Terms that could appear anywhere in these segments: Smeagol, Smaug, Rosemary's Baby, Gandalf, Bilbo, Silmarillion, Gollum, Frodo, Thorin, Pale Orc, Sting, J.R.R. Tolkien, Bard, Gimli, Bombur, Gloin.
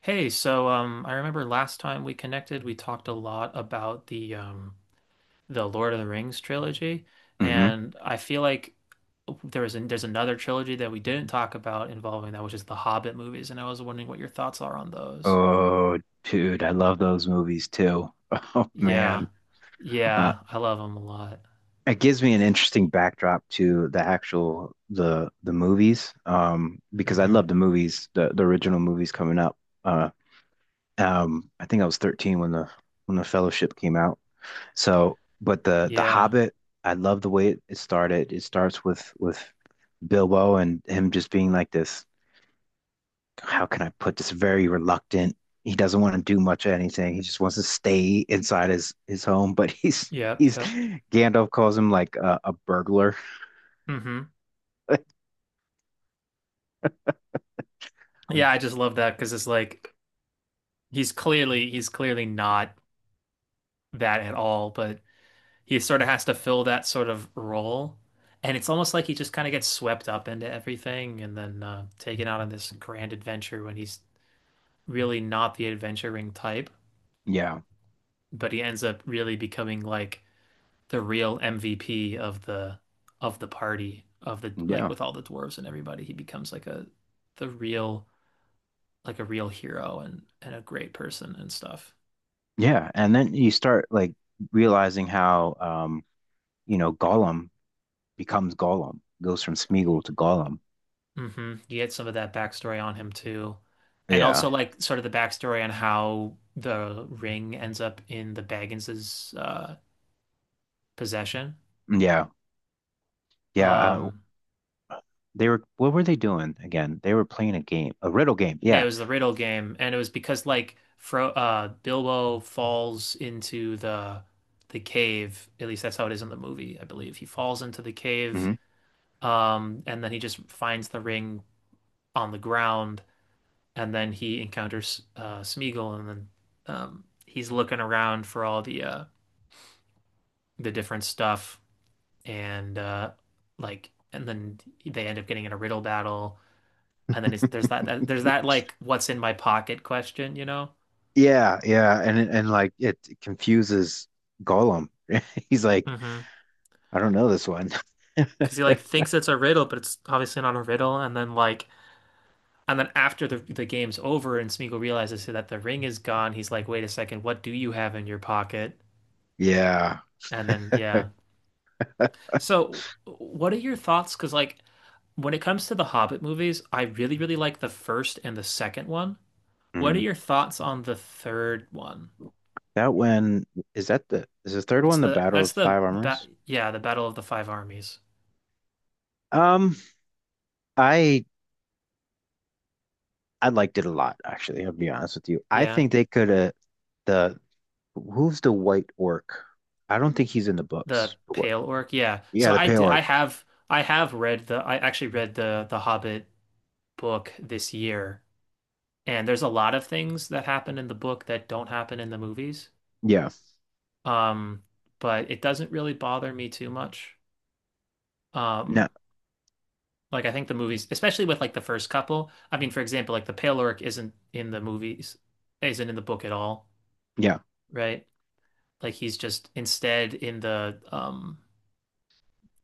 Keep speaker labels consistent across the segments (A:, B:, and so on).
A: Hey, I remember last time we connected, we talked a lot about the Lord of the Rings trilogy,
B: Hmm.
A: and I feel like there's another trilogy that we didn't talk about involving that, which is the Hobbit movies, and I was wondering what your thoughts are on those.
B: Oh, dude, I love those movies too. Oh
A: Yeah,
B: man, uh,
A: yeah, I love them a lot.
B: it gives me an interesting backdrop to the actual the movies, because I
A: Hmm
B: love the movies, the original movies coming up. Uh, I think I was 13 when the Fellowship came out. So, but the
A: Yeah,
B: Hobbit, I love the way it started. It starts with Bilbo and him just being like this, how can I put this, very reluctant. He doesn't want to do much of anything. He just wants to stay inside his home, but he's
A: yep,
B: he's
A: yep.
B: Gandalf calls him like a burglar.
A: hmm Yeah, I just love that because it's like he's clearly not that at all, but he sort of has to fill that sort of role. And it's almost like he just kind of gets swept up into everything and then taken out on this grand adventure when he's really not the adventuring type,
B: Yeah.
A: but he ends up really becoming like the real MVP of the party of the, like,
B: Yeah.
A: with all the dwarves and everybody. He becomes like a, the real, like a real hero and a great person and stuff.
B: Yeah. And then you start like realizing how you know, Gollum becomes Gollum, goes from Smeagol to Gollum.
A: Hmm You get some of that backstory on him too. And
B: Yeah.
A: also like sort of the backstory on how the ring ends up in the Baggins's possession.
B: Yeah. Yeah.
A: Um
B: They were, what were they doing again? They were playing a game, a riddle game.
A: yeah, it
B: Yeah.
A: was the Riddle game, and it was because like Fro Bilbo falls into the cave, at least that's how it is in the movie, I believe. He falls into the cave
B: Hmm.
A: and then he just finds the ring on the ground, and then he encounters Smeagol, and then he's looking around for all the the different stuff and uh and then they end up getting in a riddle battle, and then it's, there's that, that there's that, like, what's in my pocket question,
B: Yeah, yeah, and like it confuses Gollum. He's like,
A: hmm
B: I don't know this one.
A: Because he like thinks it's a riddle, but it's obviously not a riddle. And then, like, and then after the game's over and Smeagol realizes that the ring is gone, he's like, "Wait a second, what do you have in your pocket?"
B: Yeah.
A: And then yeah. So what are your thoughts? Because like when it comes to the Hobbit movies, I really really like the first and the second one. What are
B: Hmm.
A: your thoughts on the third one?
B: That one, is the third
A: It's
B: one, the
A: the
B: Battle
A: that's
B: of
A: the
B: Five
A: ba
B: Armors?
A: yeah, the Battle of the Five Armies.
B: Um, I I liked it a lot, actually, I'll be honest with you. I
A: Yeah,
B: think they could have the who's the white orc? I don't think he's in the
A: the
B: books.
A: Pale Orc. Yeah.
B: Yeah, the pale orc.
A: I have read the, I actually read the Hobbit book this year, and there's a lot of things that happen in the book that don't happen in the movies.
B: Yeah.
A: Um, but it doesn't really bother me too much.
B: No,
A: Um, like I think the movies, especially with like the first couple. I mean, for example, like the Pale Orc isn't in the movies, isn't in the book at all,
B: yeah.
A: right? Like he's just instead in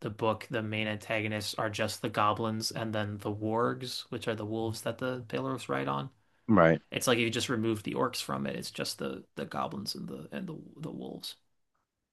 A: the book, the main antagonists are just the goblins and then the wargs, which are the wolves that the Pelorus ride on.
B: Right.
A: It's like you just remove the orcs from it. It's just the goblins and the wolves.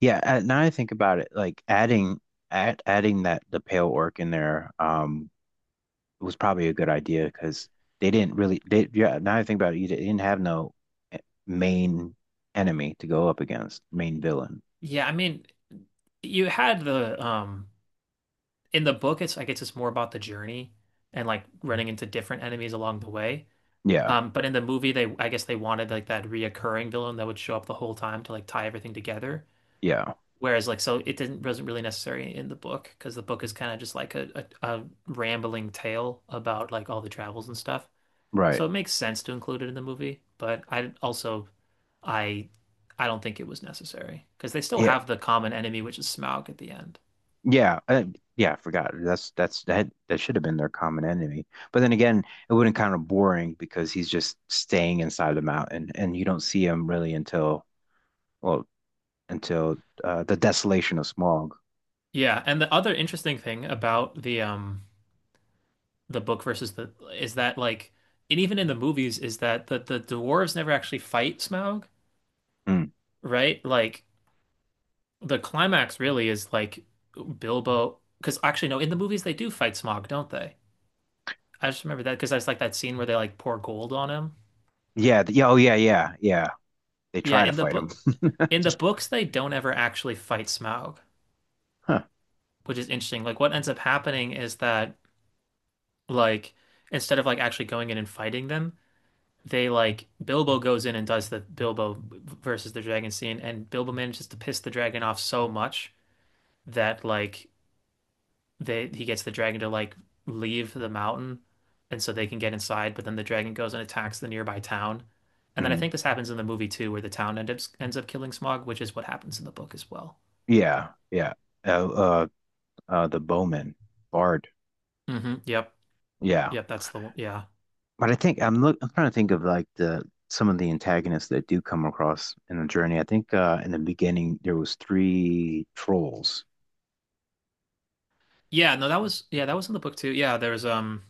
B: Yeah, now I think about it, like adding that the pale orc in there was probably a good idea because they didn't really they yeah, now I think about it, you didn't have no eh, main enemy to go up against, main villain.
A: Yeah, I mean, you had the in the book it's, I guess it's more about the journey and like running into different enemies along the way.
B: Yeah,
A: But in the movie they, I guess they wanted like that reoccurring villain that would show up the whole time to like tie everything together.
B: yeah,
A: Whereas, like, so it didn't wasn't really necessary in the book because the book is kind of just like a, a rambling tale about like all the travels and stuff. So
B: right.
A: it makes sense to include it in the movie, but I also, I I don't think it was necessary because they still
B: Yeah,
A: have the common enemy, which is Smaug at the end.
B: yeah, uh, yeah, I forgot. That should have been their common enemy. But then again, it wouldn't kind of boring because he's just staying inside the mountain and you don't see him really until well until the desolation of Smaug.
A: Yeah, and the other interesting thing about the book versus the, is that like, and even in the movies, is that the dwarves never actually fight Smaug,
B: Mm.
A: right? Like the climax really is like Bilbo, because actually no, in the movies they do fight Smog, don't they? I just remember that because I was like that scene where they like pour gold on him.
B: Yeah. Yeah. Oh, yeah. Yeah. Yeah. They
A: Yeah,
B: try to
A: in the
B: fight him.
A: book, in the books they don't ever actually fight Smaug,
B: Huh.
A: which is interesting. Like what ends up happening is that, like instead of like actually going in and fighting them, they like Bilbo goes in and does the Bilbo versus the dragon scene, and Bilbo manages to piss the dragon off so much that like they he gets the dragon to like leave the mountain, and so they can get inside, but then the dragon goes and attacks the nearby town, and then I
B: Mm.
A: think this happens in the movie too, where the town ends up killing Smog, which is what happens in the book as well.
B: Yeah. Yeah. Uh, uh, the bowman bard.
A: Hmm yep,
B: Yeah.
A: yep, that's the one, yeah.
B: But I think I'm look. I'm trying to think of like the some of the antagonists that do come across in the journey. I think in the beginning there was three trolls.
A: Yeah, no, that was, yeah, that was in the book too, yeah. there's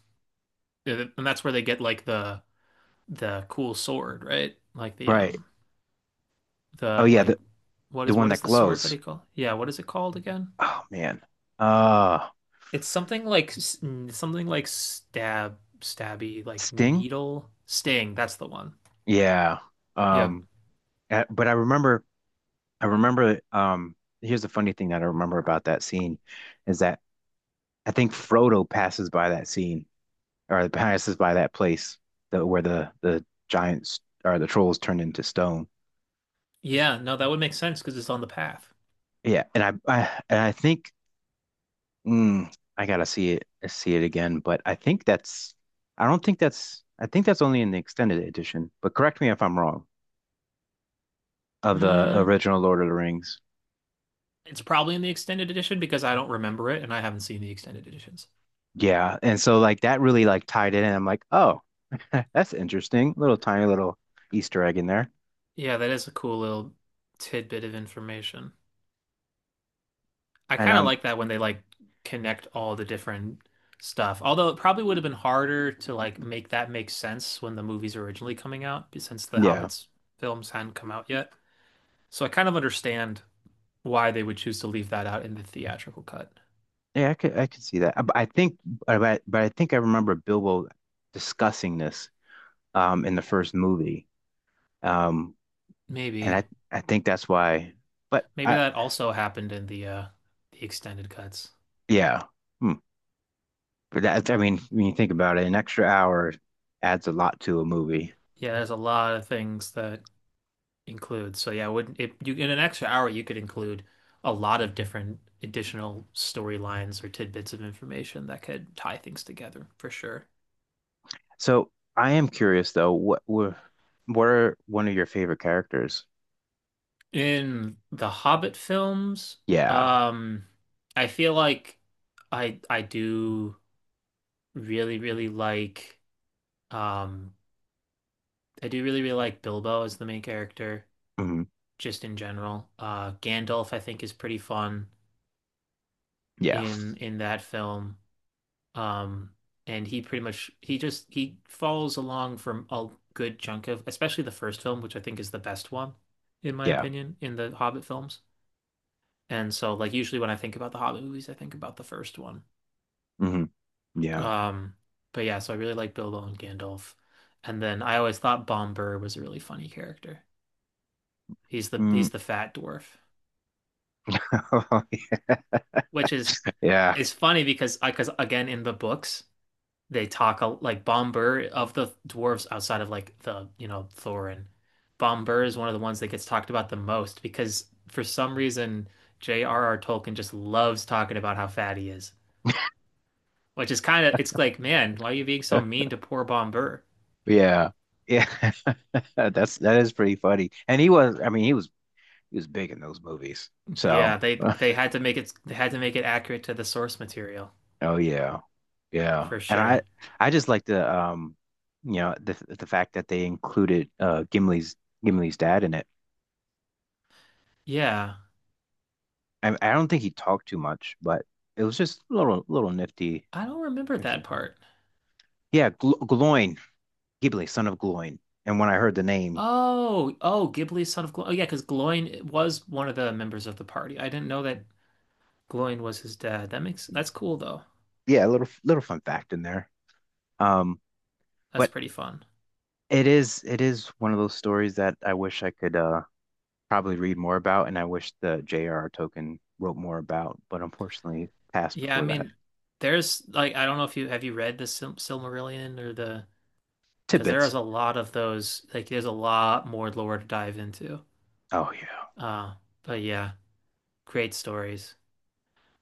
A: And that's where they get like the cool sword, right? Like
B: Right. Oh
A: the
B: yeah.
A: like what
B: The
A: is, what
B: one
A: is
B: that
A: the sword that
B: glows.
A: he called, yeah, what is it called again?
B: Oh man. Uh,
A: It's something like, something like stab, stabby, like
B: Sting.
A: needle, sting. That's the one.
B: Yeah.
A: Yeah.
B: Um. But I remember. I remember. Here's the funny thing that I remember about that scene is that I think Frodo passes by that scene or passes by that place where the giants or the trolls turned into stone.
A: Yeah, no, that would make sense because it's on the path.
B: Yeah, and I think mm, I gotta see it again, but I think that's I don't think that's I think that's only in the extended edition. But correct me if I'm wrong of the
A: Mm,
B: original Lord of the Rings.
A: it's probably in the extended edition because I don't remember it and I haven't seen the extended editions.
B: Yeah, and so like that really like tied it and I'm like, oh, that's interesting. Little tiny little Easter egg in there,
A: Yeah, that is a cool little tidbit of information. I
B: and
A: kind of like that when they like connect all the different stuff. Although it probably would have been harder to like make that make sense when the movie's were originally coming out, since the
B: yeah.
A: Hobbit's films hadn't come out yet. So I kind of understand why they would choose to leave that out in the theatrical cut.
B: Yeah, I could see that. But I think I remember Bilbo discussing this in the first movie. Um and
A: Maybe.
B: I think that's why but
A: Maybe
B: I
A: that also happened in the extended cuts.
B: yeah. Hmm. But that I mean when you think about it, an extra hour adds a lot to a movie.
A: Yeah, there's a lot of things that include. So yeah, would, if you, in an extra hour you could include a lot of different additional storylines or tidbits of information that could tie things together for sure.
B: So I am curious though, what are one of your favorite characters?
A: In the Hobbit films,
B: Yeah.
A: um, I feel like I do really really like, um, I do really really like Bilbo as the main character,
B: Hmm.
A: just in general. Gandalf I think is pretty fun
B: Yeah.
A: in that film. Um, and he pretty much, he follows along from a good chunk of, especially the first film, which I think is the best one, in my
B: Yeah.
A: opinion, in the Hobbit films. And so like usually when I think about the Hobbit movies, I think about the first one.
B: Hmm. Yeah.
A: Um, but yeah, so I really like Bilbo and Gandalf. And then I always thought Bomber was a really funny character. He's the
B: Mm.
A: he's the fat dwarf, which is.
B: Yeah.
A: It's funny because I, because again in the books they talk a, like Bombur of the dwarves outside of like the, you know, Thorin. Bombur is one of the ones that gets talked about the most because for some reason J.R.R. Tolkien just loves talking about how fat he is, which is kind of, it's like, man, why are you being so mean to poor Bombur?
B: Yeah. Yeah. That's that is pretty funny. And he was I mean he was big in those movies.
A: Yeah,
B: So
A: they had to make it, they had to make it accurate to the source material
B: oh yeah. Yeah.
A: for
B: And
A: sure.
B: I just like the you know the fact that they included Gimli's Gimli's dad in it.
A: Yeah,
B: I don't think he talked too much, but it was just a little little nifty
A: I don't remember that
B: everything.
A: part.
B: Yeah, Gl Gloin, Gimli, son of Gloin. And when I heard the name,
A: Oh, oh, Ghibli's son of Gloin. Oh, yeah, because Gloin was one of the members of the party. I didn't know that Gloin was his dad. That makes, that's cool though.
B: yeah, a little little fun fact in there. Um
A: That's
B: but
A: pretty fun.
B: It is one of those stories that I wish I could probably read more about and I wish the J.R.R. Tolkien wrote more about, but unfortunately passed
A: Yeah, I
B: before that.
A: mean, there's like, I don't know if you have, you read the Silmarillion or the, because there is
B: Tidbits.
A: a lot of those. Like, there's a lot more lore to dive into.
B: Oh yeah.
A: Uh, but yeah, great stories.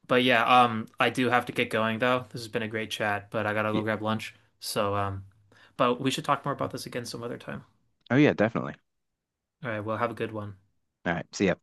A: But yeah, I do have to get going though. This has been a great chat, but I gotta
B: Yeah.
A: go grab lunch. So, but we should talk more about this again some other time.
B: Oh yeah, definitely.
A: All right, well, have a good one.
B: All right. See ya.